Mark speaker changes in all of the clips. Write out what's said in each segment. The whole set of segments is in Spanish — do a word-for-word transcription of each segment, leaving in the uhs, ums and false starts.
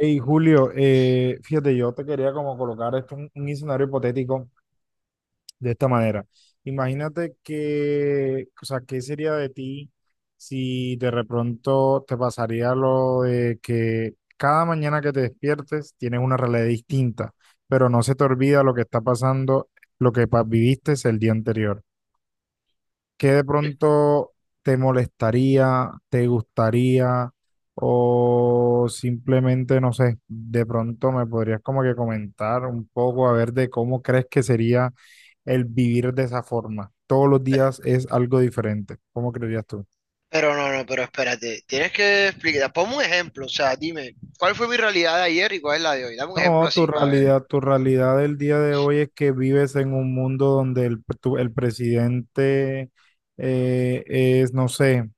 Speaker 1: Hey, Julio, eh, fíjate, yo te quería como colocar esto, un, un escenario hipotético de esta manera. Imagínate que, o sea, ¿qué sería de ti si de pronto te pasaría lo de que cada mañana que te despiertes tienes una realidad distinta, pero no se te olvida lo que está pasando, lo que pa- viviste el día anterior? ¿Qué de pronto te molestaría, te gustaría o simplemente, no sé, de pronto me podrías como que comentar un poco a ver de cómo crees que sería el vivir de esa forma? Todos los días es algo diferente. ¿Cómo creerías tú?
Speaker 2: Pero no, no, pero espérate, tienes que explicar, ponme un ejemplo, o sea, dime, ¿cuál fue mi realidad de ayer y cuál es la de hoy? Dame un ejemplo
Speaker 1: No, tu
Speaker 2: así para ver.
Speaker 1: realidad, tu realidad del día de hoy es que vives en un mundo donde el, tu- el presidente eh, es, no sé.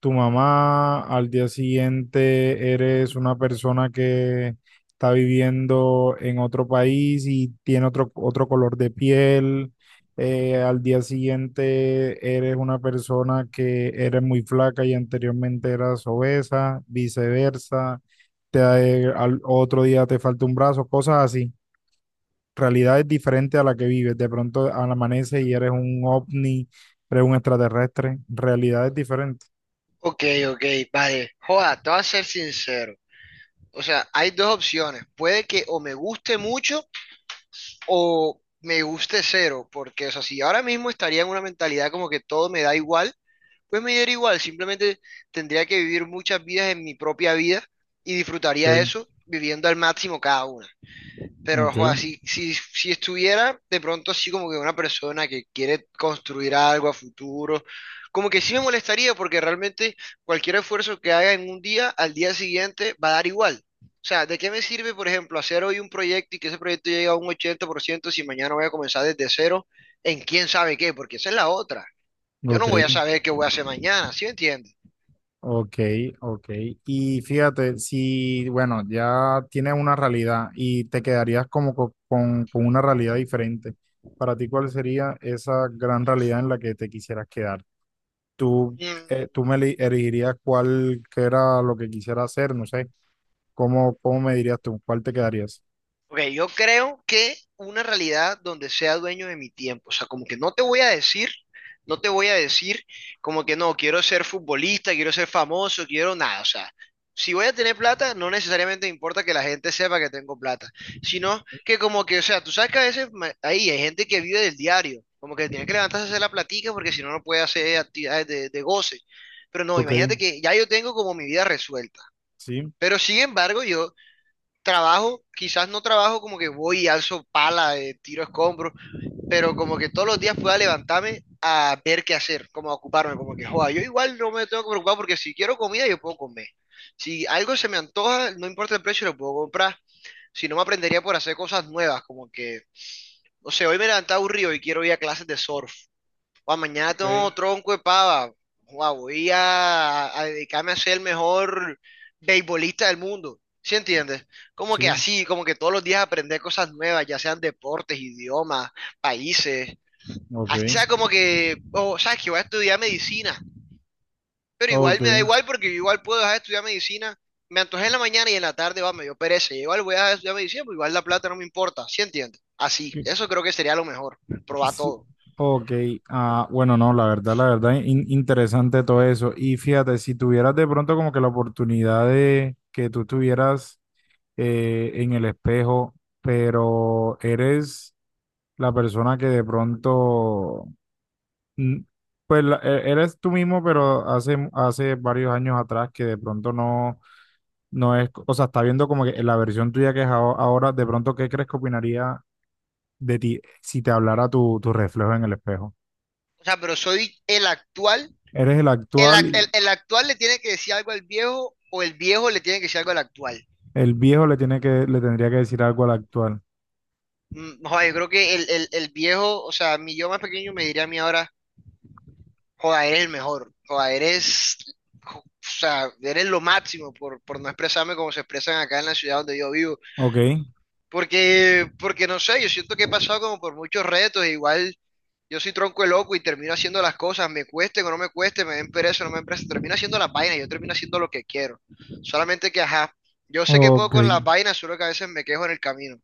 Speaker 1: Tu mamá, al día siguiente eres una persona que está viviendo en otro país y tiene otro, otro color de piel, eh, al día siguiente eres una persona que eres muy flaca y anteriormente eras obesa, viceversa, te, eh, al otro día te falta un brazo, cosas así. Realidades diferentes a la que vives. De pronto al amanecer y eres un ovni, eres un extraterrestre. Realidades diferentes.
Speaker 2: Ok, ok, vale. Joda, te voy a ser sincero. O sea, hay dos opciones. Puede que o me guste mucho o me guste cero, porque, o sea, si ahora mismo estaría en una mentalidad como que todo me da igual, pues me diera igual, simplemente tendría que vivir muchas vidas en mi propia vida y disfrutaría
Speaker 1: ¿Ok?
Speaker 2: eso viviendo al máximo cada una. Pero,
Speaker 1: Ok,
Speaker 2: joder, si, si, si estuviera de pronto así como que una persona que quiere construir algo a futuro, como que sí me molestaría porque realmente cualquier esfuerzo que haga en un día, al día siguiente va a dar igual. O sea, ¿de qué me sirve, por ejemplo, hacer hoy un proyecto y que ese proyecto llegue a un ochenta por ciento si mañana voy a comenzar desde cero en quién sabe qué? Porque esa es la otra. Yo no
Speaker 1: ok,
Speaker 2: voy a saber qué voy a hacer mañana, ¿sí me entiendes?
Speaker 1: ok, ok. Y fíjate, si, bueno, ya tienes una realidad y te quedarías como co- con, con una realidad diferente, para ti, ¿cuál sería esa gran realidad en la que te quisieras quedar? ¿Tú,
Speaker 2: Mm.
Speaker 1: eh, tú me eli- elegirías cuál que era lo que quisiera hacer? No sé, ¿cómo, cómo me dirías tú? ¿Cuál te quedarías?
Speaker 2: Ok, yo creo que una realidad donde sea dueño de mi tiempo, o sea, como que no te voy a decir, no te voy a decir como que no, quiero ser futbolista, quiero ser famoso, quiero nada, o sea, si voy a tener plata, no necesariamente me importa que la gente sepa que tengo plata, sino que como que, o sea, tú sabes que a veces ma- ahí hay gente que vive del diario, como que tiene que levantarse a hacer la platica porque si no, no puede hacer actividades de, de goce, pero no,
Speaker 1: Ok,
Speaker 2: imagínate que ya yo tengo como mi vida resuelta,
Speaker 1: sí,
Speaker 2: pero sin embargo, yo trabajo, quizás no trabajo como que voy y alzo pala, eh, tiro escombros, pero como que todos los días pueda levantarme a ver qué hacer, como a ocuparme, como que, joda, yo igual no me tengo que preocupar porque si quiero comida yo puedo comer. Si algo se me antoja, no importa el precio, lo puedo comprar. Si no, me aprendería por hacer cosas nuevas, como que, no sé, hoy me levanté aburrido y quiero ir a clases de surf. Guau, mañana
Speaker 1: ok,
Speaker 2: tengo tronco de pava. Guau, voy a, a dedicarme a ser el mejor beisbolista del mundo. ¿Sí entiendes? Como que
Speaker 1: sí,
Speaker 2: así, como que todos los días aprender cosas nuevas, ya sean deportes, idiomas, países.
Speaker 1: ok,
Speaker 2: Así sea como que, o sabes que voy a estudiar medicina. Pero igual me da igual porque yo igual puedo dejar de estudiar medicina. Me antojé en la mañana y en la tarde, va, me dio pereza. Igual voy a dejar de estudiar medicina, pero igual la plata no me importa. ¿Sí entiendes? Así,
Speaker 1: ok.
Speaker 2: eso creo que sería lo mejor, probar
Speaker 1: Sí.
Speaker 2: todo.
Speaker 1: Ok, ah, bueno, no, la verdad, la verdad, in- interesante todo eso. Y fíjate, si tuvieras de pronto como que la oportunidad de que tú estuvieras eh, en el espejo, pero eres la persona que de pronto, mm, pues la- e- eres tú mismo, pero hace, hace varios años atrás que de pronto no, no es, o sea, está viendo como que la versión tuya que es aho- ahora, de pronto, ¿qué crees que opinaría de ti si te hablara tu, tu reflejo en el espejo?
Speaker 2: O sea, pero soy el actual
Speaker 1: Eres el
Speaker 2: el,
Speaker 1: actual
Speaker 2: ac- el-
Speaker 1: y
Speaker 2: el actual le tiene que decir algo al viejo o el viejo le tiene que decir algo al actual.
Speaker 1: el viejo le tiene que, le tendría que decir algo al actual.
Speaker 2: Mm, Joder, yo creo que el, el- el viejo, o sea, mi yo más pequeño me diría a mí ahora, joder, eres el mejor, joder, eres, jo- o sea, eres lo máximo por, por no expresarme como se expresan acá en la ciudad donde yo vivo.
Speaker 1: Ok,
Speaker 2: Porque, porque no sé, yo siento que he pasado como por muchos retos, e igual yo soy tronco de loco y termino haciendo las cosas, me cueste o no me cueste, me den pereza o no me den pereza, termino haciendo las vainas, yo termino haciendo lo que quiero. Solamente que, ajá, yo sé que puedo
Speaker 1: ok,
Speaker 2: con las vainas, solo que a veces me quejo en el camino.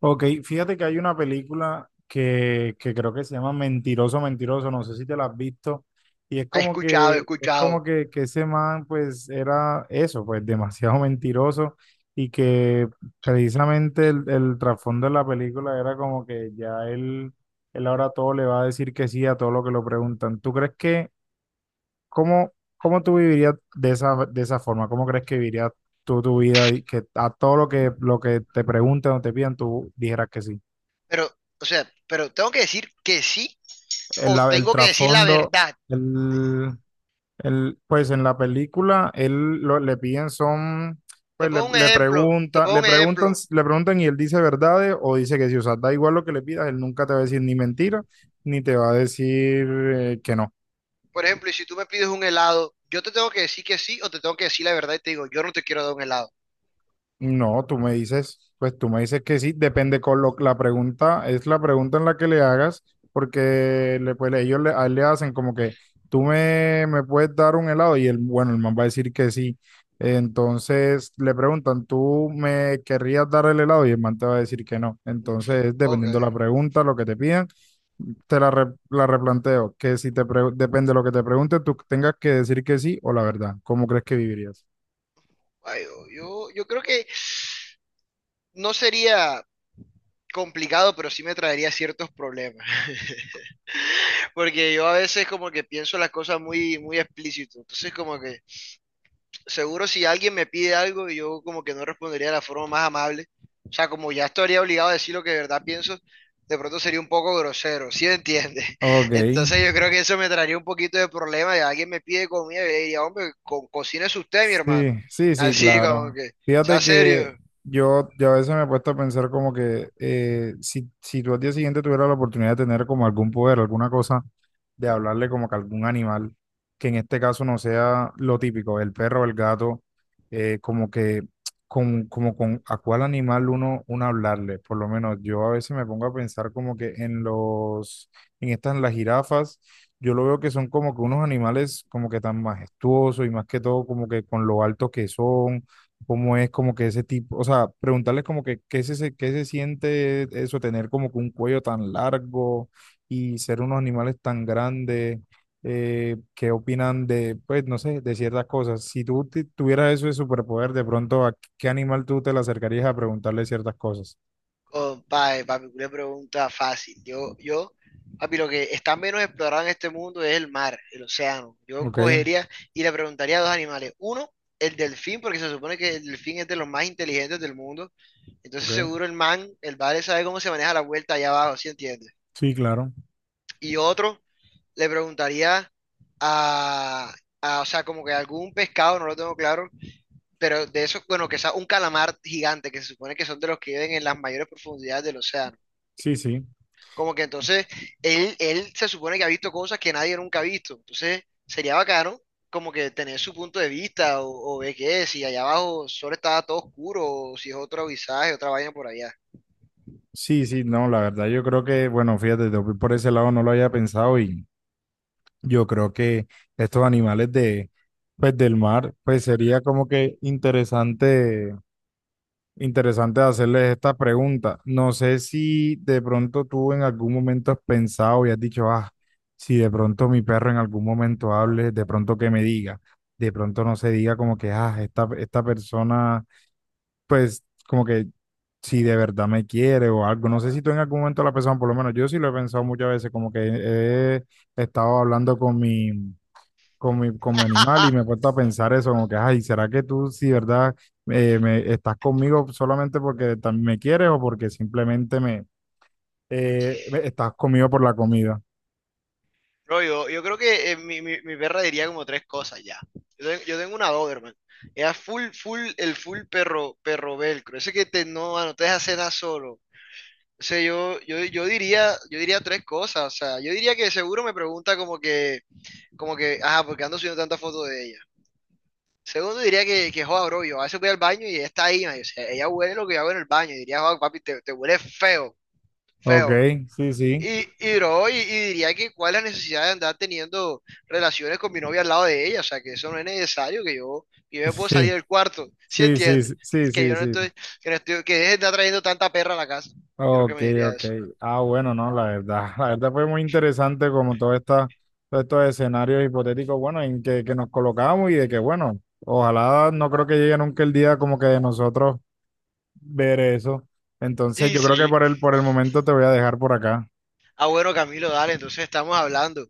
Speaker 1: ok. Fíjate que hay una película que, que creo que se llama Mentiroso, Mentiroso, no sé si te la has visto. Y es
Speaker 2: He
Speaker 1: como
Speaker 2: escuchado, he
Speaker 1: que, es como
Speaker 2: escuchado.
Speaker 1: que, que ese man, pues, era eso, pues, demasiado mentiroso. Y que precisamente el, el trasfondo de la película era como que ya él, él ahora todo le va a decir que sí a todo lo que lo preguntan. ¿Tú crees que ¿cómo, cómo tú vivirías de esa, de esa forma? ¿Cómo crees que vivirías tú tu vida y que a todo lo que, lo que te pregunten o te pidan, tú dijeras que sí?
Speaker 2: Pero, o sea, pero tengo que decir que sí
Speaker 1: El,
Speaker 2: o
Speaker 1: el
Speaker 2: tengo que decir la
Speaker 1: trasfondo,
Speaker 2: verdad.
Speaker 1: el, el- pues en la película, él lo- le piden son,
Speaker 2: Te
Speaker 1: pues le,
Speaker 2: pongo un
Speaker 1: le
Speaker 2: ejemplo, te
Speaker 1: preguntan,
Speaker 2: pongo
Speaker 1: le
Speaker 2: un
Speaker 1: preguntan,
Speaker 2: ejemplo.
Speaker 1: le preguntan y él dice verdades o dice que sí. O sea, da igual lo que le pidas, él nunca te va a decir ni mentira, ni te va a decir eh, que no.
Speaker 2: Por ejemplo, y si tú me pides un helado, yo te tengo que decir que sí o te tengo que decir la verdad y te digo, yo no te quiero dar un helado.
Speaker 1: No, tú me dices, pues tú me dices que sí, depende con lo, la pregunta, es la pregunta en la que le hagas, porque le, pues, ellos le, a él le hacen como que tú me, me puedes dar un helado y el, bueno, el man va a decir que sí. Entonces le preguntan, ¿tú me querrías dar el helado? Y el man te va a decir que no.
Speaker 2: No.
Speaker 1: Entonces,
Speaker 2: Ok.
Speaker 1: dependiendo la pregunta, lo que te pidan, te la, re- la replanteo, que si te pre- depende de lo que te pregunte, tú tengas que decir que sí o la verdad, ¿cómo crees que vivirías?
Speaker 2: Ay, yo, yo, yo creo que no sería complicado, pero sí me traería ciertos problemas, porque yo a veces como que pienso las cosas muy, muy explícito, entonces como que seguro si alguien me pide algo, yo como que no respondería de la forma más amable, o sea, como ya estaría obligado a decir lo que de verdad pienso, de pronto sería un poco grosero, ¿sí me entiendes?
Speaker 1: Ok,
Speaker 2: Entonces yo creo que eso me traería un poquito de problema, y alguien me pide comida, yo le diría, hombre, co cocínese usted, mi
Speaker 1: sí,
Speaker 2: hermano,
Speaker 1: sí, sí,
Speaker 2: así como
Speaker 1: claro.
Speaker 2: que, sea
Speaker 1: Fíjate que
Speaker 2: serio.
Speaker 1: yo, yo a veces me he puesto a pensar como que eh, si, si tú al día siguiente tuvieras la oportunidad de tener como algún poder, alguna cosa de hablarle como que algún animal, que en este caso no sea lo típico, el perro o el gato, eh, como que con, como con a cuál animal uno, uno hablarle. Por lo menos yo a veces me pongo a pensar como que en los, en estas, en las jirafas, yo lo veo que son como que unos animales como que tan majestuosos y más que todo como que con lo altos que son. Cómo es como que ese tipo, o sea, preguntarles como que qué se, qué se siente eso, tener como que un cuello tan largo, y ser unos animales tan grandes, eh, qué opinan de, pues, no sé, de ciertas cosas. Si tú te- tuvieras eso de superpoder, de pronto, ¿a qué animal tú te le acercarías a preguntarle ciertas cosas?
Speaker 2: Compadre, papi, una pregunta fácil. Yo, yo, papi, lo que está menos explorado en este mundo es el mar, el océano. Yo
Speaker 1: Ok,
Speaker 2: cogería y le preguntaría a dos animales. Uno, el delfín, porque se supone que el delfín es de los más inteligentes del mundo. Entonces
Speaker 1: ok.
Speaker 2: seguro el man, el vale sabe cómo se maneja la vuelta allá abajo, ¿sí entiendes?
Speaker 1: Sí, claro.
Speaker 2: Y otro, le preguntaría a, a, o sea, como que algún pescado, no lo tengo claro, pero de esos, bueno, que sea un calamar gigante, que se supone que son de los que viven en las mayores profundidades del océano.
Speaker 1: Sí, sí.
Speaker 2: Como que entonces él, él se supone que ha visto cosas que nadie nunca ha visto. Entonces sería bacano como que tener su punto de vista o, o ver qué es, si allá abajo solo estaba todo oscuro o si es otro visaje, otra vaina por allá.
Speaker 1: Sí, sí, no, la verdad, yo creo que, bueno, fíjate, yo por ese lado no lo había pensado y yo creo que estos animales de, pues, del mar, pues sería como que interesante. Interesante hacerles esta pregunta. No sé si de pronto tú en algún momento has pensado y has dicho, ah, si de pronto mi perro en algún momento hable, de pronto que me diga, de pronto no se diga como que, ah, esta, esta persona, pues como que si de verdad me quiere o algo. No sé si tú en algún momento lo has pensado, por lo menos yo sí lo he pensado muchas veces, como que he estado hablando con mi, como, mi- como animal y me he puesto a pensar eso, como que, ay, ¿será que tú, si verdad, eh, me, estás conmigo solamente porque también me quieres o porque simplemente me, eh, me- estás conmigo por la comida?
Speaker 2: Bro, yo, yo creo que eh, mi, mi- mi perra diría como tres cosas ya. Yo, te- yo tengo una Doberman. Ella es full, full, el full perro, perro velcro. Ese que te, no, no te deja hacer nada solo. O sea, yo, yo, yo diría, yo diría tres cosas. O sea, yo diría que seguro me pregunta como que como que, ajá, porque ando subiendo tantas fotos de ella. Segundo, diría que, que joda, bro, yo a veces voy al baño y ella está ahí, man, o sea, ella huele lo que yo hago en el baño, y diría, joda, papi, te, te huele feo,
Speaker 1: Ok,
Speaker 2: feo.
Speaker 1: sí, sí,
Speaker 2: Y, y bro, y, y diría que cuál es la necesidad de andar teniendo relaciones con mi novia al lado de ella, o sea, que eso no es necesario, que yo, que yo me puedo
Speaker 1: sí,
Speaker 2: salir del cuarto, ¿sí
Speaker 1: sí, sí,
Speaker 2: entiendes?
Speaker 1: sí,
Speaker 2: Que
Speaker 1: sí, sí,
Speaker 2: yo no
Speaker 1: sí.
Speaker 2: estoy, que no estoy, que deje de estar trayendo tanta perra a la casa. Creo que
Speaker 1: Ok,
Speaker 2: me diría
Speaker 1: ok.
Speaker 2: eso.
Speaker 1: Ah, bueno, no, la verdad, la verdad fue muy interesante como todo esta, todos estos escenarios hipotéticos, bueno, en que, que nos colocamos y de que, bueno, ojalá no creo que llegue nunca el día como que de nosotros ver eso. Entonces,
Speaker 2: Sí,
Speaker 1: yo creo que
Speaker 2: sí.
Speaker 1: por el, por el momento te voy a dejar por acá.
Speaker 2: Ah, bueno, Camilo, dale, entonces estamos hablando.